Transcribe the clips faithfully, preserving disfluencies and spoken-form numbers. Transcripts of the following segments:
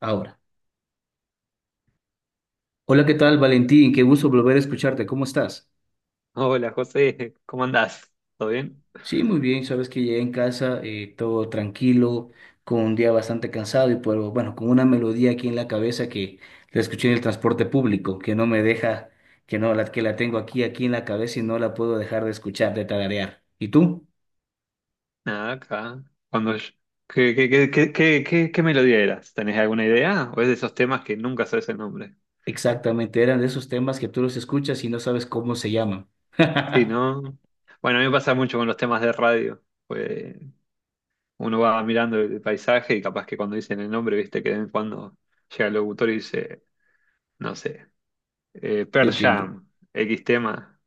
Ahora. Hola, ¿qué tal, Valentín? Qué gusto volver a escucharte. ¿Cómo estás? Hola José, ¿cómo andás? ¿Todo bien? Sí, muy bien. Sabes que llegué en casa, eh, todo tranquilo, con un día bastante cansado y pero bueno, con una melodía aquí en la cabeza que la escuché en el transporte público, que no me deja, que no, la, que la tengo aquí, aquí en la cabeza y no la puedo dejar de escuchar, de tararear. ¿Y tú? Nada, acá. Cuando yo- ¿Qué, qué, qué, qué, qué, qué- qué melodía eras? ¿Tenés alguna idea? ¿O es de esos temas que nunca sabes el nombre? Exactamente, eran de esos temas que tú los escuchas y no sabes cómo se llaman. Sí, ¿no? Bueno, a mí me pasa mucho con los temas de radio. Pues uno va mirando el paisaje y capaz que cuando dicen el nombre, viste que de vez en cuando llega el locutor y dice, no sé, eh, Te Pearl entiendo, Jam, X tema,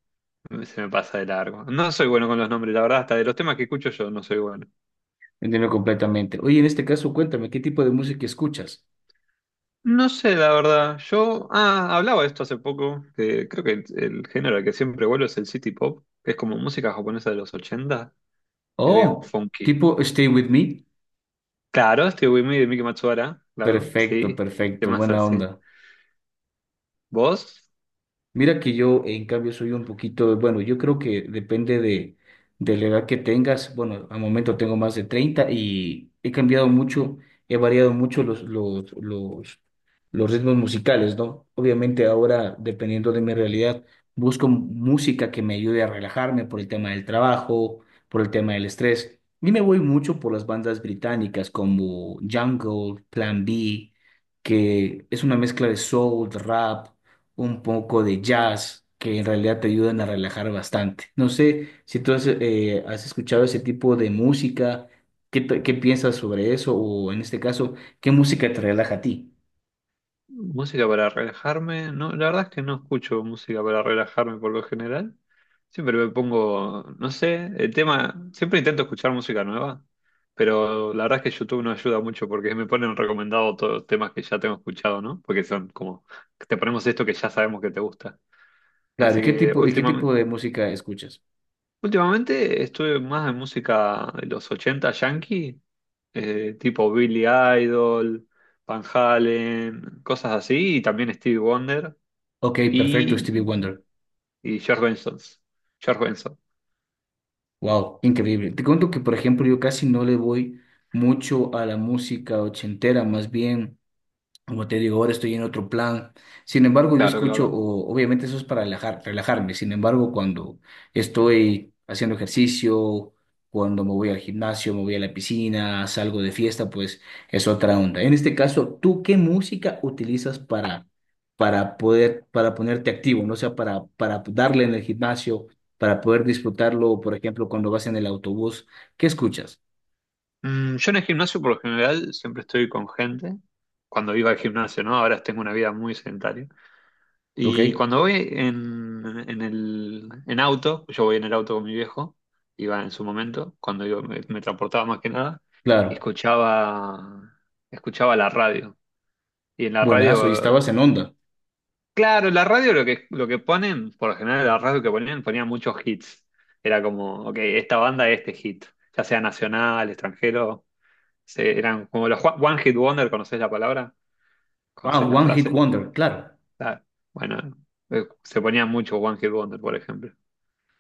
se me pasa de largo. No soy bueno con los nombres, la verdad, hasta de los temas que escucho yo no soy bueno. te entiendo completamente. Oye, en este caso, cuéntame, ¿qué tipo de música escuchas? No sé, la verdad. Yo ah, hablaba de esto hace poco, que creo que el género al que siempre vuelvo es el city pop, que es como música japonesa de los ochenta, es bien Oh, funky. tipo Stay With Me. Claro, Stevie Wonder de Miki Matsubara, claro, Perfecto, sí, perfecto, temas buena así. onda. ¿Vos? Mira que yo, en cambio, soy un poquito, bueno, yo creo que depende de, de la edad que tengas. Bueno, al momento tengo más de treinta y he cambiado mucho, he variado mucho los, los, los, los ritmos musicales, ¿no? Obviamente ahora, dependiendo de mi realidad, busco música que me ayude a relajarme por el tema del trabajo, por el tema del estrés. Y me voy mucho por las bandas británicas como Jungle, Plan B, que es una mezcla de soul, de rap un poco de jazz, que en realidad te ayudan a relajar bastante. No sé si tú has, eh, has escuchado ese tipo de música, ¿qué, te- qué piensas sobre eso? O en este caso, ¿qué música te relaja a ti? Música para relajarme. No, la verdad es que no escucho música para relajarme por lo general. Siempre me pongo, no sé, el tema, siempre intento escuchar música nueva, pero la verdad es que YouTube no ayuda mucho porque me ponen recomendado todos los temas que ya tengo escuchado, ¿no? Porque son como, te ponemos esto que ya sabemos que te gusta. Claro, ¿y Así qué que tipo, y qué tipo últimamente, de música escuchas? últimamente estuve más en música de los ochenta yankee, eh, tipo Billy Idol, Van Halen, cosas así, y también Stevie Wonder Ok, perfecto, y, Stevie Wonder. y George Benson. George Benson, Wow, increíble. Te cuento que, por ejemplo, yo casi no le voy mucho a la música ochentera, más bien. Como te digo, ahora estoy en otro plan. Sin embargo, yo claro, escucho, claro. o- obviamente eso es para relajar, relajarme. Sin embargo, cuando estoy haciendo ejercicio, cuando me voy al gimnasio, me voy a la piscina, salgo de fiesta, pues es otra onda. En este caso, ¿tú qué música utilizas para, para poder, para ponerte activo, ¿no? O sea, para, para darle en el gimnasio, para poder disfrutarlo, por ejemplo, cuando vas en el autobús, ¿qué escuchas? Mm, yo en el gimnasio por lo general siempre estoy con gente. Cuando iba al gimnasio, ¿no? Ahora tengo una vida muy sedentaria. ¿Ok? Y cuando voy en, en el en auto, yo voy en el auto con mi viejo, iba en su momento, cuando yo me, me transportaba más que nada, y Claro. escuchaba, escuchaba la radio. Y en la Buenas, hoy radio estabas en onda. claro, la radio lo que, lo que ponen, por lo general la radio que ponían, ponían muchos hits. Era como, ok, esta banda este hit, ya sea nacional, extranjero, se- eran como los one one hit wonder, ¿conocés la palabra? ¿Conocés Wow, la One Hit frase? Wonder, claro. Claro. Bueno, eh, se ponían mucho one hit wonder, por ejemplo.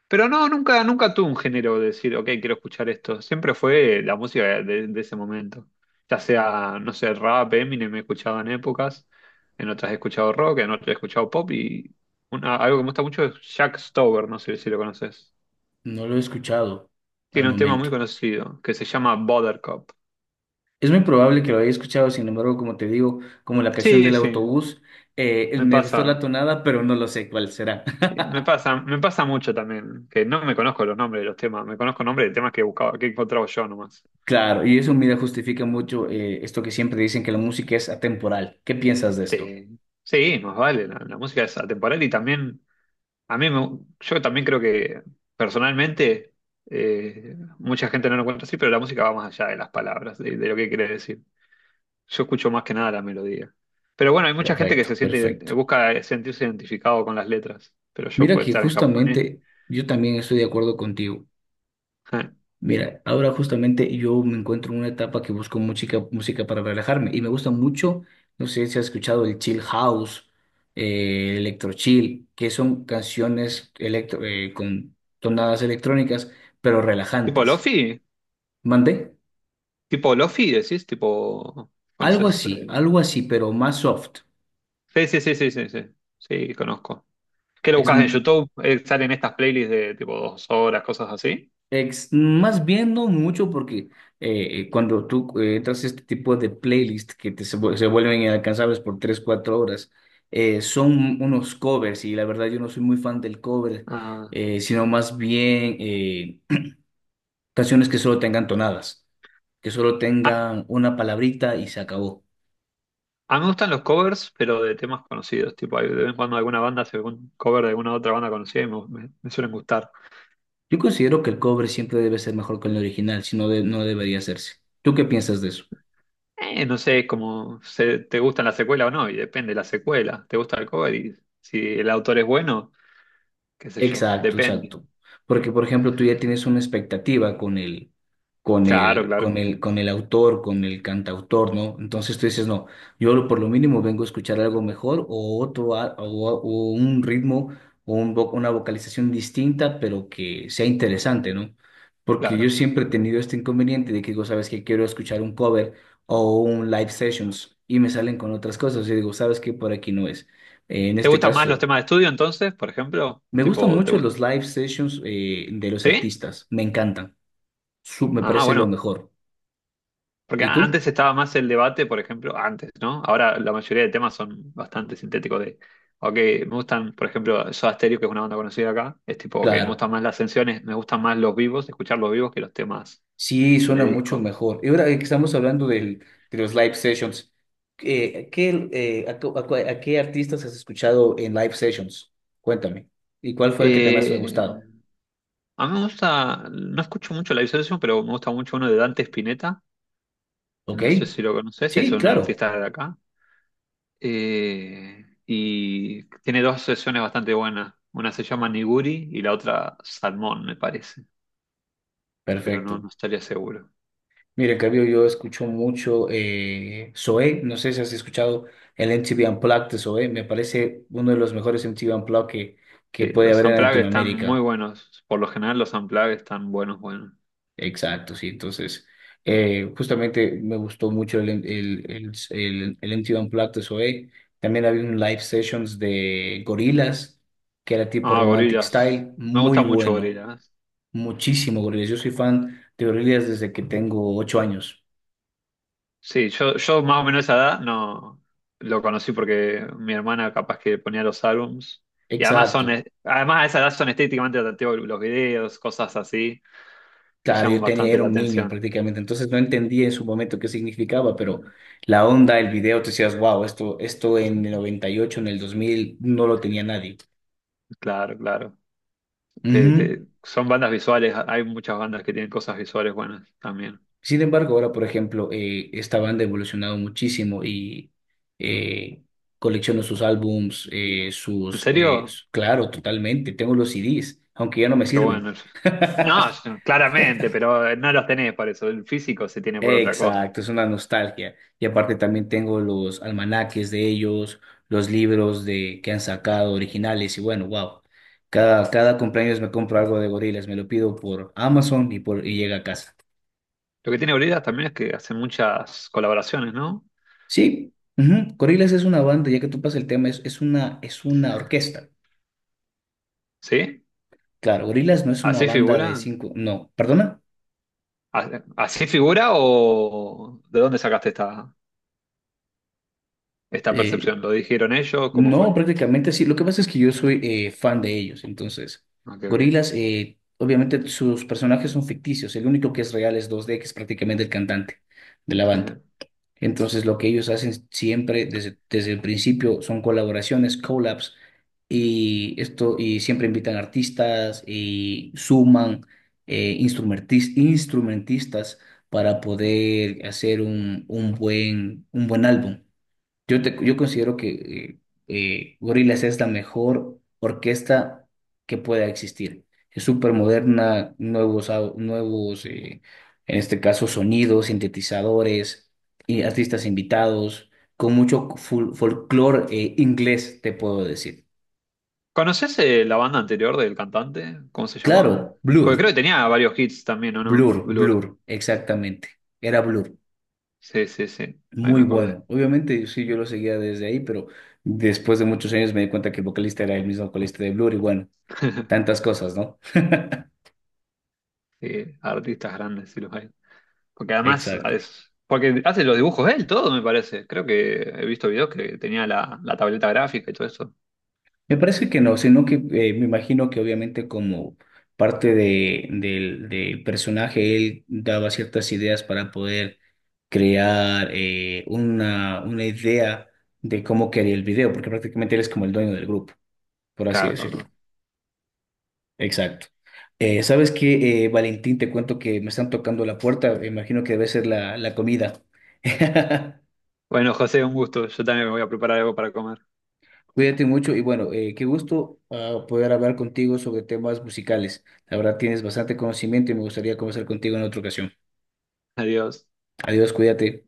Pero no, nunca, nunca tuve un género de decir, ok, quiero escuchar esto. Siempre fue la música de, de ese momento. Ya sea, no sé, rap, Eminem me escuchado en épocas, en otras he escuchado rock, en otras he escuchado pop y una- algo que me gusta mucho es Jack Stover, no sé si lo conoces. No lo he escuchado al Tiene un tema muy momento. conocido que se llama Buttercup. Es muy probable que lo haya escuchado, sin embargo, como te digo, como la canción Sí, del sí, autobús, eh, me me gustó la pasa. tonada, pero no lo sé cuál será. Me pasa, me pasa mucho también, que no me conozco los nombres de los temas, me conozco nombres de temas que buscaba, que encontraba yo nomás. Claro, y eso, mira, justifica mucho eh, esto que siempre dicen que la música es atemporal. ¿Qué piensas de esto? Sí, sí, más vale, la, la música es atemporal y también, a mí, me- yo también creo que personalmente, eh, mucha gente no lo encuentra así, pero la música va más allá de las palabras, de, de lo que quiere decir. Yo escucho más que nada la melodía. Pero bueno, hay mucha gente que Perfecto, se siente, perfecto. busca sentirse identificado con las letras, pero yo Mira puedo que estar en japonés. justamente yo también estoy de acuerdo contigo. Mira, ahora justamente yo me encuentro en una etapa que busco música, música para relajarme y me gusta mucho, no sé si has escuchado el chill house, eh, electro chill, que son canciones electro, eh, con tonadas electrónicas, pero ¿Tipo relajantes. Lofi? ¿Mandé? ¿Tipo Lofi decís? ¿Tipo, Algo conoces? así, eh? algo así, pero más soft. Sí, sí, sí, sí, sí, sí, sí, conozco. ¿Qué lo Es, buscas en YouTube? Eh, ¿Salen estas playlists de tipo dos horas, cosas así? Ex- más bien no mucho porque eh, eh, cuando tú eh, entras a este tipo de playlist que te, se, vu- se vuelven inalcanzables por tres cuatro horas, eh, son unos covers y la verdad yo no soy muy fan del cover, Ah, eh, sino más bien eh, canciones que solo tengan tonadas, que solo Ah, tengan una palabrita y se acabó. a mí me gustan los covers, pero de temas conocidos. Tipo, hay- de vez en cuando alguna banda hace un cover de alguna otra banda conocida y me, me- me suelen gustar. Yo considero que el cover siempre debe ser mejor que el original, si no, de- no debería hacerse. ¿Tú qué piensas de eso? Eh, no sé, cómo se, te gustan la secuela o no, y depende de la secuela. ¿Te gusta el cover? Y si el autor es bueno, qué sé yo, Exacto, depende. exacto. Porque, por ejemplo, tú ya tienes una expectativa con el, con Claro, el, claro, con el, con el autor, con el cantautor, ¿no? Entonces tú dices, no, yo lo- por lo mínimo vengo a escuchar algo mejor o otro, a- o, o un ritmo o un vo- una vocalización distinta, pero que sea interesante, ¿no? Porque claro, yo claro. siempre he tenido este inconveniente de que digo, sabes que quiero escuchar un cover o un live sessions y me salen con otras cosas y digo, sabes que por aquí no es. Eh, en ¿Te este gustan más los caso. temas de estudio entonces, por ejemplo? Me gustan Tipo, ¿te mucho gusta? los live sessions eh, de los ¿Sí? artistas, me encantan, Su- me Ah, parece lo bueno. mejor. Porque ¿Y tú? antes estaba más el debate, por ejemplo, antes, ¿no? Ahora la mayoría de temas son bastante sintéticos de, ok, me gustan, por ejemplo, Soda Stereo, que es una banda conocida acá, es tipo, ok, me Claro, gustan más las canciones, me gustan más los vivos, escuchar los vivos que los temas sí, de suena mucho disco. mejor. Y ahora eh, que estamos hablando del- de los live sessions, eh, ¿qué, eh, a, cu- a cu- a qué artistas has escuchado en live sessions? Cuéntame. ¿Y cuál fue el que te más ha Eh, gustado? a mí me gusta, no escucho mucho la Session, pero me gusta mucho uno de Dante Spinetta, ¿Ok? no sé si lo conoces, es Sí, un claro. artista de acá. Eh, y tiene dos sesiones bastante buenas, una se llama Niguri y la otra Salmón, me parece, pero no, no Perfecto. estaría seguro. Mire, en cambio, yo escucho mucho eh, Zoé, no sé si has escuchado el M T V Unplugged de Zoé, me parece uno de los mejores M T V Unplugged que, que Sí, puede los haber en Unplugged están muy Latinoamérica. buenos. Por lo general los Unplugged están buenos, buenos. Exacto, sí, entonces, eh, justamente me gustó mucho el, el, el, el, el M T V Unplugged de Zoé. También había un live sessions de Gorillaz, que era tipo Ah, Romantic Gorillaz. Style, Me muy gusta mucho bueno, Gorillaz. muchísimo Gorillaz. Yo soy fan de Gorillaz desde que tengo ocho años. Sí, yo, yo más o menos esa edad no lo conocí porque mi hermana capaz que ponía los álbums. Y además son, Exacto. eh, además a esa edad son estéticamente atractivos los videos, cosas así, te Claro, llaman yo tenía, bastante era la un niño atención. prácticamente, entonces no entendía en su momento qué significaba, pero la onda, el video, te decías, wow, esto, esto en el noventa y ocho, en el dos mil, no lo tenía nadie. Claro, claro. Te- Ujú. te- son bandas visuales, hay muchas bandas que tienen cosas visuales buenas también. Sin embargo, ahora, por ejemplo, eh, esta banda ha evolucionado muchísimo y eh, colecciono sus álbums, eh, ¿En sus, eh, serio? s- claro, totalmente, tengo los C Ds, aunque ya no me Qué sirven. bueno. No, yo- claramente, pero eh, no los tenés para eso. El físico se tiene por otra cosa. Exacto, es una nostalgia. Y aparte también tengo los almanaques de ellos, los libros de que han sacado originales y bueno, wow. Cada, cada cumpleaños me compro algo de Gorillaz, me lo pido por Amazon y, por, y llega a casa. Lo que tiene Bridas también es que hace muchas colaboraciones, ¿no? Sí, ujú, Gorillaz es una banda, ya que tú pasas el tema, es, es una, es una orquesta. ¿Sí? Claro, Gorillaz no es una ¿Así banda de figura? cinco, no, perdona. ¿A- ¿Así figura o de dónde sacaste esta, esta percepción? ¿Lo dijeron ellos? ¿Cómo fue? No, prácticamente sí. Lo que pasa es que yo soy eh, fan de ellos. Entonces, Ok, ok. Gorilas, eh, obviamente sus personajes son ficticios. El único que es real es dos d que es prácticamente el cantante de la banda. Entonces, lo que ellos hacen siempre desde, desde el principio son colaboraciones, collabs, y esto, y siempre invitan artistas y suman eh, instrumentis- instrumentistas para poder hacer un, un buen, un buen álbum. Yo, te- yo considero que eh, eh, Gorillaz es la mejor orquesta que pueda existir. Es súper moderna, nuevos, au- nuevos eh, en este caso, sonidos, sintetizadores, y artistas invitados, con mucho fol- folclore eh, inglés, te puedo decir. ¿Conoces eh, la banda anterior del cantante? ¿Cómo se llamaba? Claro, Porque creo Blur, que tenía varios hits también, ¿o no? Blur, Blur. Blur, exactamente. Era Blur. Sí, sí, sí. Ahí me Muy acordé. bueno. Obviamente, sí, yo lo seguía desde ahí, pero después de muchos años me di cuenta que el vocalista era el mismo vocalista de Blur y bueno, tantas cosas, ¿no? Sí, artistas grandes, sí los hay. Porque además Exacto. es, porque hace los dibujos él, todo me parece. Creo que he visto videos que tenía la, la tableta gráfica y todo eso. Me parece que no, sino que eh, me imagino que obviamente como parte de, del, del personaje, él daba ciertas ideas para poder crear eh, una, una idea de cómo quería el video, porque prácticamente él es como el dueño del grupo, por así Claro, claro, decirlo. claro. Exacto. Eh, ¿sabes qué, eh, Valentín? Te cuento que me están tocando la puerta, me imagino que debe ser la, la comida. Bueno, José, un gusto. Yo también me voy a preparar algo para comer. Cuídate mucho y bueno, eh, qué gusto ah, poder hablar contigo sobre temas musicales. La verdad tienes bastante conocimiento y me gustaría conversar contigo en otra ocasión. Adiós. Adiós, cuídate.